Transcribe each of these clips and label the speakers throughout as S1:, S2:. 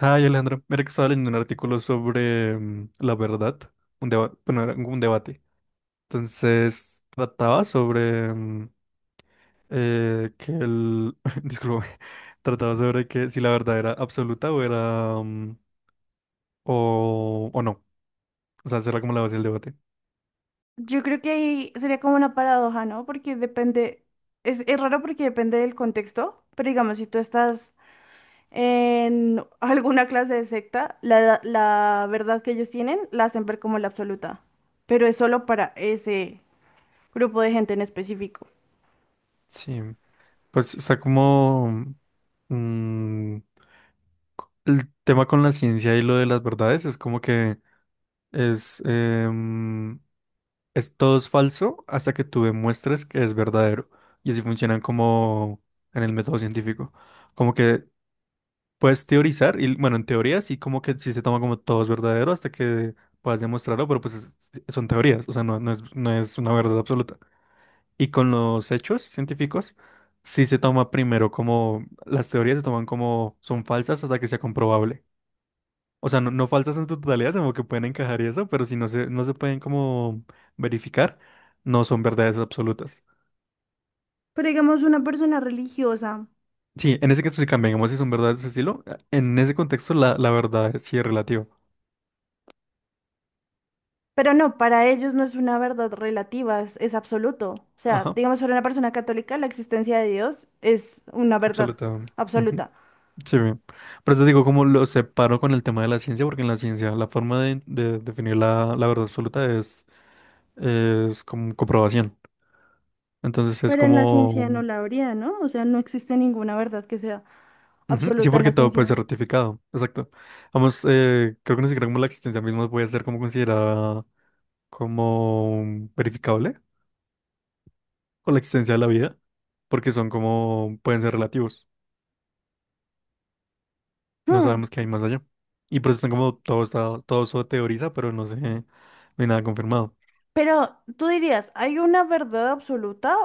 S1: Ay, Alejandro, mira que estaba leyendo un artículo sobre la verdad, un debate, bueno, era un debate. Entonces, trataba sobre que disculpe, trataba sobre que si la verdad era absoluta o era, o no. O sea, será como la base del debate.
S2: Yo creo que ahí sería como una paradoja, ¿no? Porque depende, es raro porque depende del contexto, pero digamos, si tú estás en alguna clase de secta, la verdad que ellos tienen la hacen ver como la absoluta, pero es solo para ese grupo de gente en específico.
S1: Sí, pues está como mm, el tema con la ciencia y lo de las verdades es como que es, es, todo es falso hasta que tú demuestres que es verdadero. Y así funcionan como en el método científico. Como que puedes teorizar, y bueno, en teorías y como que si se toma como todo es verdadero hasta que puedas demostrarlo, pero pues son teorías, o sea, no es, no es una verdad absoluta. Y con los hechos científicos, sí se toma primero como, las teorías se toman como son falsas hasta que sea comprobable. O sea, no falsas en su totalidad, sino que pueden encajar y eso, pero si no se pueden como verificar, no son verdades absolutas.
S2: Pero digamos, una persona religiosa,
S1: Sí, en ese caso sí cambia, digamos, si son verdades de ese estilo, en ese contexto la verdad sí es relativa.
S2: pero no, para ellos no es una verdad relativa, es absoluto. O sea,
S1: Ajá,
S2: digamos, para una persona católica, la existencia de Dios es una verdad
S1: absoluta. Ujú,
S2: absoluta.
S1: sí, bien. Por eso digo, como lo separo con el tema de la ciencia, porque en la ciencia la forma de definir la verdad absoluta es como comprobación. Entonces es
S2: Pero en la ciencia no
S1: como
S2: la habría, ¿no? O sea, no existe ninguna verdad que sea
S1: ujú, sí,
S2: absoluta en
S1: porque
S2: la
S1: todo puede
S2: ciencia.
S1: ser ratificado. Exacto. Vamos, creo que ni siquiera como la existencia misma puede ser como considerada como verificable o la existencia de la vida, porque son como, pueden ser relativos. No
S2: Hmm.
S1: sabemos qué hay más allá. Y por eso están como, todo está, todo eso teoriza, pero no sé, no hay nada confirmado.
S2: Pero tú dirías, ¿hay una verdad absoluta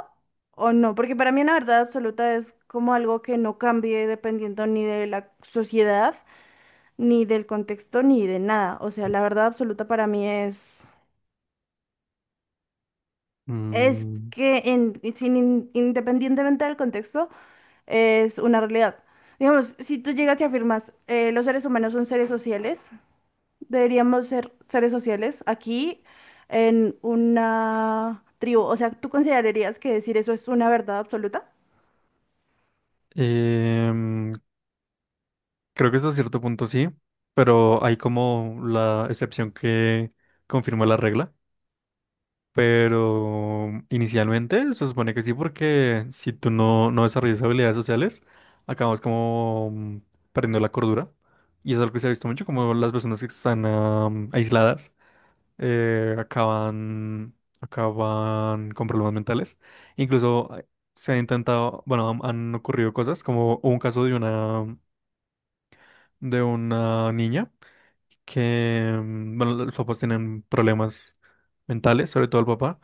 S2: o no? Porque para mí una verdad absoluta es como algo que no cambie dependiendo ni de la sociedad, ni del contexto, ni de nada. O sea, la verdad absoluta para mí es
S1: Mm,
S2: que en- sin in- independientemente del contexto, es una realidad. Digamos, si tú llegas y afirmas, los seres humanos son seres sociales. Deberíamos ser seres sociales aquí en una tribu. O sea, ¿tú considerarías que decir eso es una verdad absoluta?
S1: em, creo que hasta cierto punto sí, pero hay como la excepción que confirma la regla. Pero inicialmente se supone que sí, porque si tú no, no desarrollas habilidades sociales, acabas como perdiendo la cordura. Y eso es algo que se ha visto mucho, como las personas que están aisladas acaban, acaban con problemas mentales. Incluso se han intentado, bueno, han ocurrido cosas, como hubo un caso de una niña que, bueno, los papás tienen problemas mentales, sobre todo el papá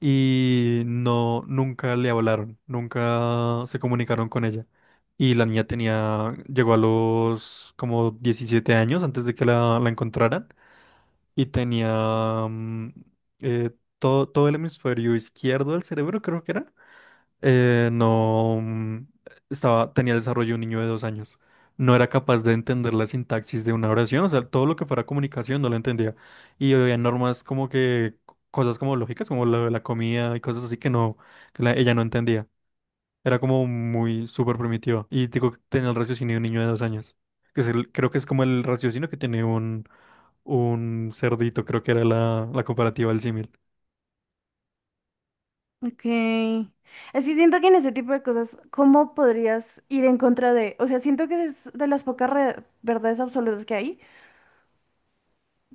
S1: y no, nunca le hablaron, nunca se comunicaron con ella. Y la niña tenía, llegó a los como 17 años antes de que la encontraran y tenía eh, todo el hemisferio izquierdo del cerebro, creo que era, no mm, estaba, tenía el desarrollo de un niño de 2 años. No era capaz de entender la sintaxis de una oración, o sea, todo lo que fuera comunicación no lo entendía. Y había normas como que, cosas como lógicas, como la comida y cosas así que no, que ella no entendía. Era como muy súper primitiva. Y digo, que tenía el raciocinio de un niño de dos años. Que es creo que es como el raciocinio que tiene un cerdito, creo que era la comparativa del símil.
S2: Ok. Es que siento que en ese tipo de cosas, ¿cómo podrías ir en contra de...? O sea, siento que es de las pocas verdades absolutas que hay.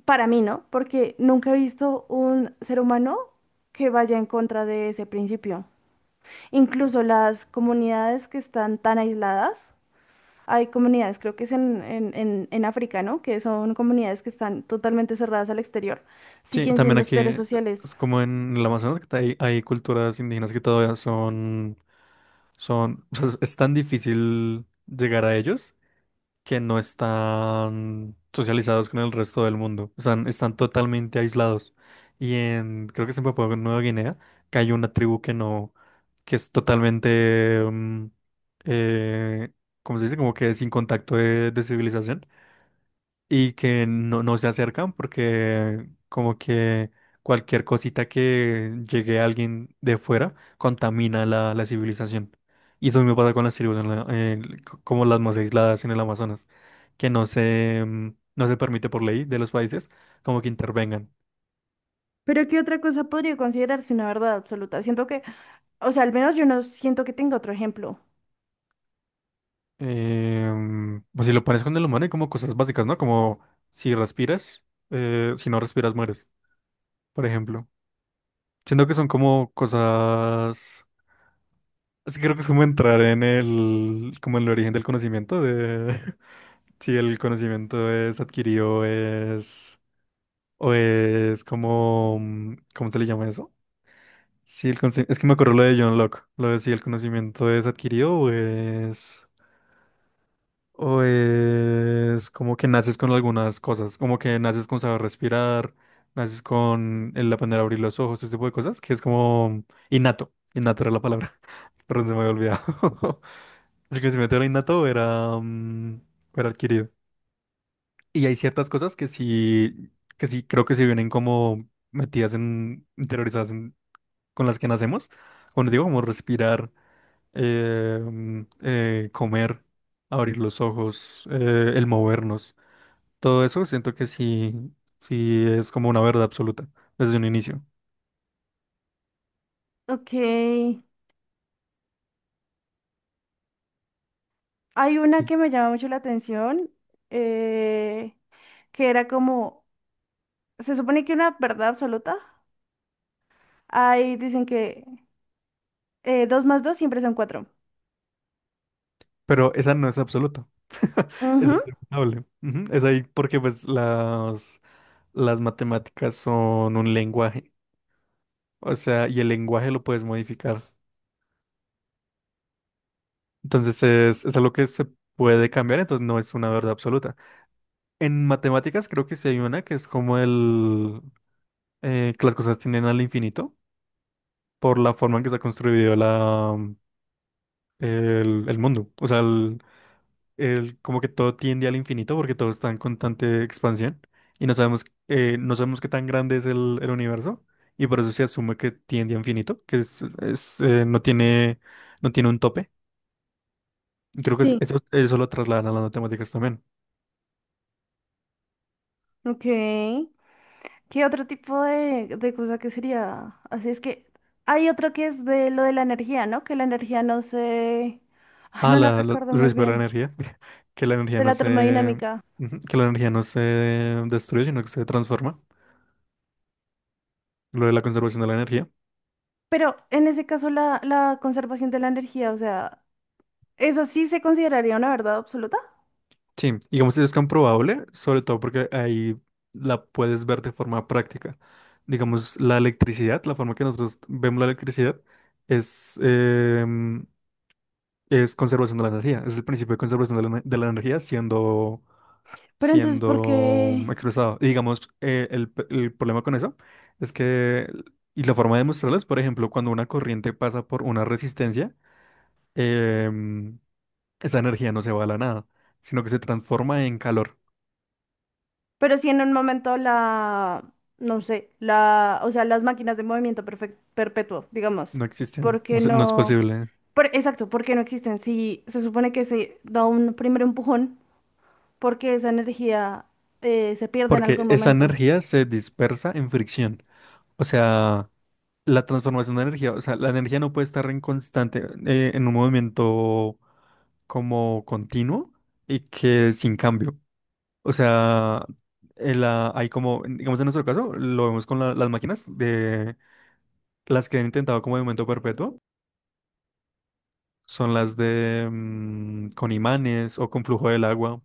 S2: Para mí, ¿no? Porque nunca he visto un ser humano que vaya en contra de ese principio. Incluso las comunidades que están tan aisladas. Hay comunidades, creo que es en África, ¿no? Que son comunidades que están totalmente cerradas al exterior.
S1: Sí,
S2: Siguen
S1: también
S2: siendo
S1: aquí,
S2: seres sociales.
S1: es como en el Amazonas, que hay culturas indígenas que todavía son, son, o sea, es tan difícil llegar a ellos que no están socializados con el resto del mundo, están, están totalmente aislados. Y en, creo que es en Papua Nueva Guinea, que hay una tribu que no, que es totalmente, eh, ¿cómo se dice? Como que sin contacto de civilización y que no, no se acercan porque como que cualquier cosita que llegue a alguien de fuera contamina la civilización. Y eso mismo pasa con las tribus en como las más aisladas en el Amazonas, que no se, no se permite por ley de los países como que intervengan.
S2: Pero ¿qué otra cosa podría considerarse una verdad absoluta? Siento que, o sea, al menos yo no siento que tenga otro ejemplo.
S1: Pues si lo pones con el humano hay como cosas básicas, ¿no? Como si respiras, si no respiras mueres, por ejemplo. Siento que son como cosas. Es que creo que es como entrar en el, como en el origen del conocimiento, de si el conocimiento es adquirido o es como, ¿cómo se le llama eso? Si es que me acuerdo lo de John Locke, lo de si el conocimiento es adquirido o es como que naces con algunas cosas, como que naces con saber respirar, naces con el aprender a abrir los ojos, ese tipo de cosas, que es como innato, innato era la palabra, pero se me había olvidado. Así que si meto era innato, era, era adquirido. Y hay ciertas cosas que sí, creo que sí vienen como metidas en, interiorizadas con las que nacemos. Cuando digo como respirar, comer, abrir los ojos, el movernos. Todo eso siento que sí, sí es como una verdad absoluta desde un inicio.
S2: Ok. Hay una
S1: Sí.
S2: que me llama mucho la atención, eh, que era como, se supone que una verdad absoluta. Ahí dicen que dos más dos siempre son cuatro.
S1: Pero esa no es absoluta, esa
S2: Ujú.
S1: es irrefutable. Ujú, es ahí porque pues las... Las matemáticas son un lenguaje, o sea, y el lenguaje lo puedes modificar. Entonces es algo que se puede cambiar, entonces no es una verdad absoluta. En matemáticas creo que sí hay una que es como el que las cosas tienden al infinito por la forma en que está construido el mundo, o sea, como que todo tiende al infinito porque todo está en constante expansión y no sabemos, no sabemos qué tan grande es el universo y por eso se asume que tiende a infinito, que es, no tiene, no tiene un tope. Y creo que
S2: Sí.
S1: eso, eso lo trasladan a las matemáticas también.
S2: Ok. ¿Qué otro tipo de cosa que sería? Así es que hay otro que es de lo de la energía, ¿no? Que la energía no se... Ay,
S1: Ah,
S2: no la recuerdo
S1: el
S2: muy
S1: riesgo de la
S2: bien.
S1: energía, que la energía
S2: De
S1: no
S2: la
S1: se,
S2: termodinámica.
S1: ujú, que la energía no se destruye, sino que se transforma, lo de la conservación de la energía.
S2: Pero en ese caso la, la conservación de la energía, o sea, ¿eso sí se consideraría una verdad absoluta?
S1: Sí, y como si es comprobable, sobre todo porque ahí la puedes ver de forma práctica. Digamos, la electricidad, la forma que nosotros vemos la electricidad es, es conservación de la energía, es el principio de conservación de de la energía siendo,
S2: Pero entonces, ¿por
S1: siendo
S2: qué?
S1: expresado. Y digamos, el problema con eso es que, y la forma de demostrarlo es, por ejemplo, cuando una corriente pasa por una resistencia, em, esa energía no se va a la nada, sino que se transforma en calor.
S2: Pero si en un momento la, no sé, la, o sea, las máquinas de movimiento perpetuo, digamos,
S1: No
S2: ¿por
S1: existen,
S2: qué
S1: no es
S2: no?
S1: posible,
S2: Por, exacto, ¿por qué no existen? Si se supone que se da un primer empujón, porque esa energía se pierde en
S1: porque
S2: algún
S1: esa
S2: momento?
S1: energía se dispersa en fricción. O sea, la transformación de energía, o sea, la energía no puede estar en constante, en un movimiento como continuo y que sin cambio. O sea, hay como, digamos en nuestro caso, lo vemos con las máquinas de las que han intentado como de momento perpetuo, son las de con imanes o con flujo del agua,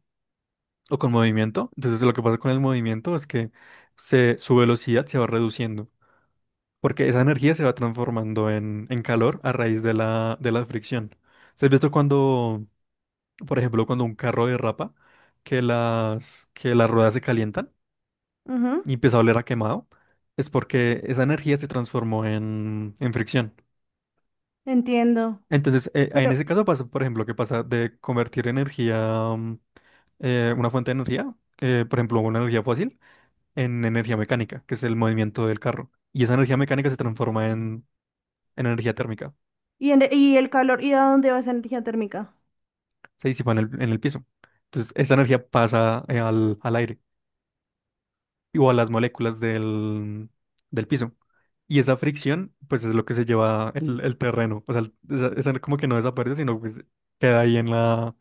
S1: o con movimiento. Entonces lo que pasa con el movimiento es que se, su velocidad se va reduciendo, porque esa energía se va transformando en calor a raíz de de la fricción. ¿Se has visto cuando, por ejemplo, cuando un carro derrapa, que que las ruedas se calientan
S2: Ujú,
S1: y empieza a oler a quemado? Es porque esa energía se transformó en fricción.
S2: entiendo.
S1: Entonces, en
S2: Pero,
S1: ese caso pasa, por ejemplo, que pasa de convertir energía, mm, una fuente de energía, por ejemplo, una energía fósil, en energía mecánica, que es el movimiento del carro. Y esa energía mecánica se transforma en energía térmica,
S2: ¿y, en- y el calor? ¿Y a dónde va esa energía térmica?
S1: se disipa en en el piso. Entonces, esa energía pasa al aire y- o a las moléculas del piso. Y esa fricción, pues es lo que se lleva el terreno. O sea, esa, esa como que no desaparece, sino pues queda ahí en la,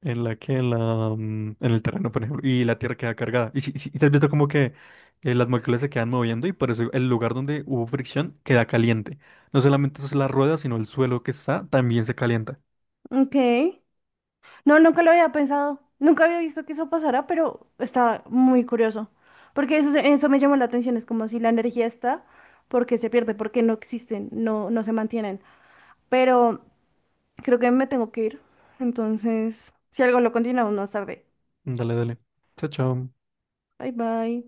S1: en la que, en la, en el terreno, por ejemplo, y la tierra queda cargada. Y si, y te has visto como que las moléculas se quedan moviendo y por eso el lugar donde hubo fricción queda caliente. No solamente es la rueda, sino el suelo que está también se calienta.
S2: Ok. No, nunca lo había pensado, nunca había visto que eso pasara, pero está muy curioso, porque eso, eso me llamó la atención, es como si la energía está, porque se pierde, porque no existen, no, no se mantienen, pero creo que me tengo que ir, entonces, si algo lo continuamos más tarde.
S1: Dale, dale. Chao, chao.
S2: Bye bye.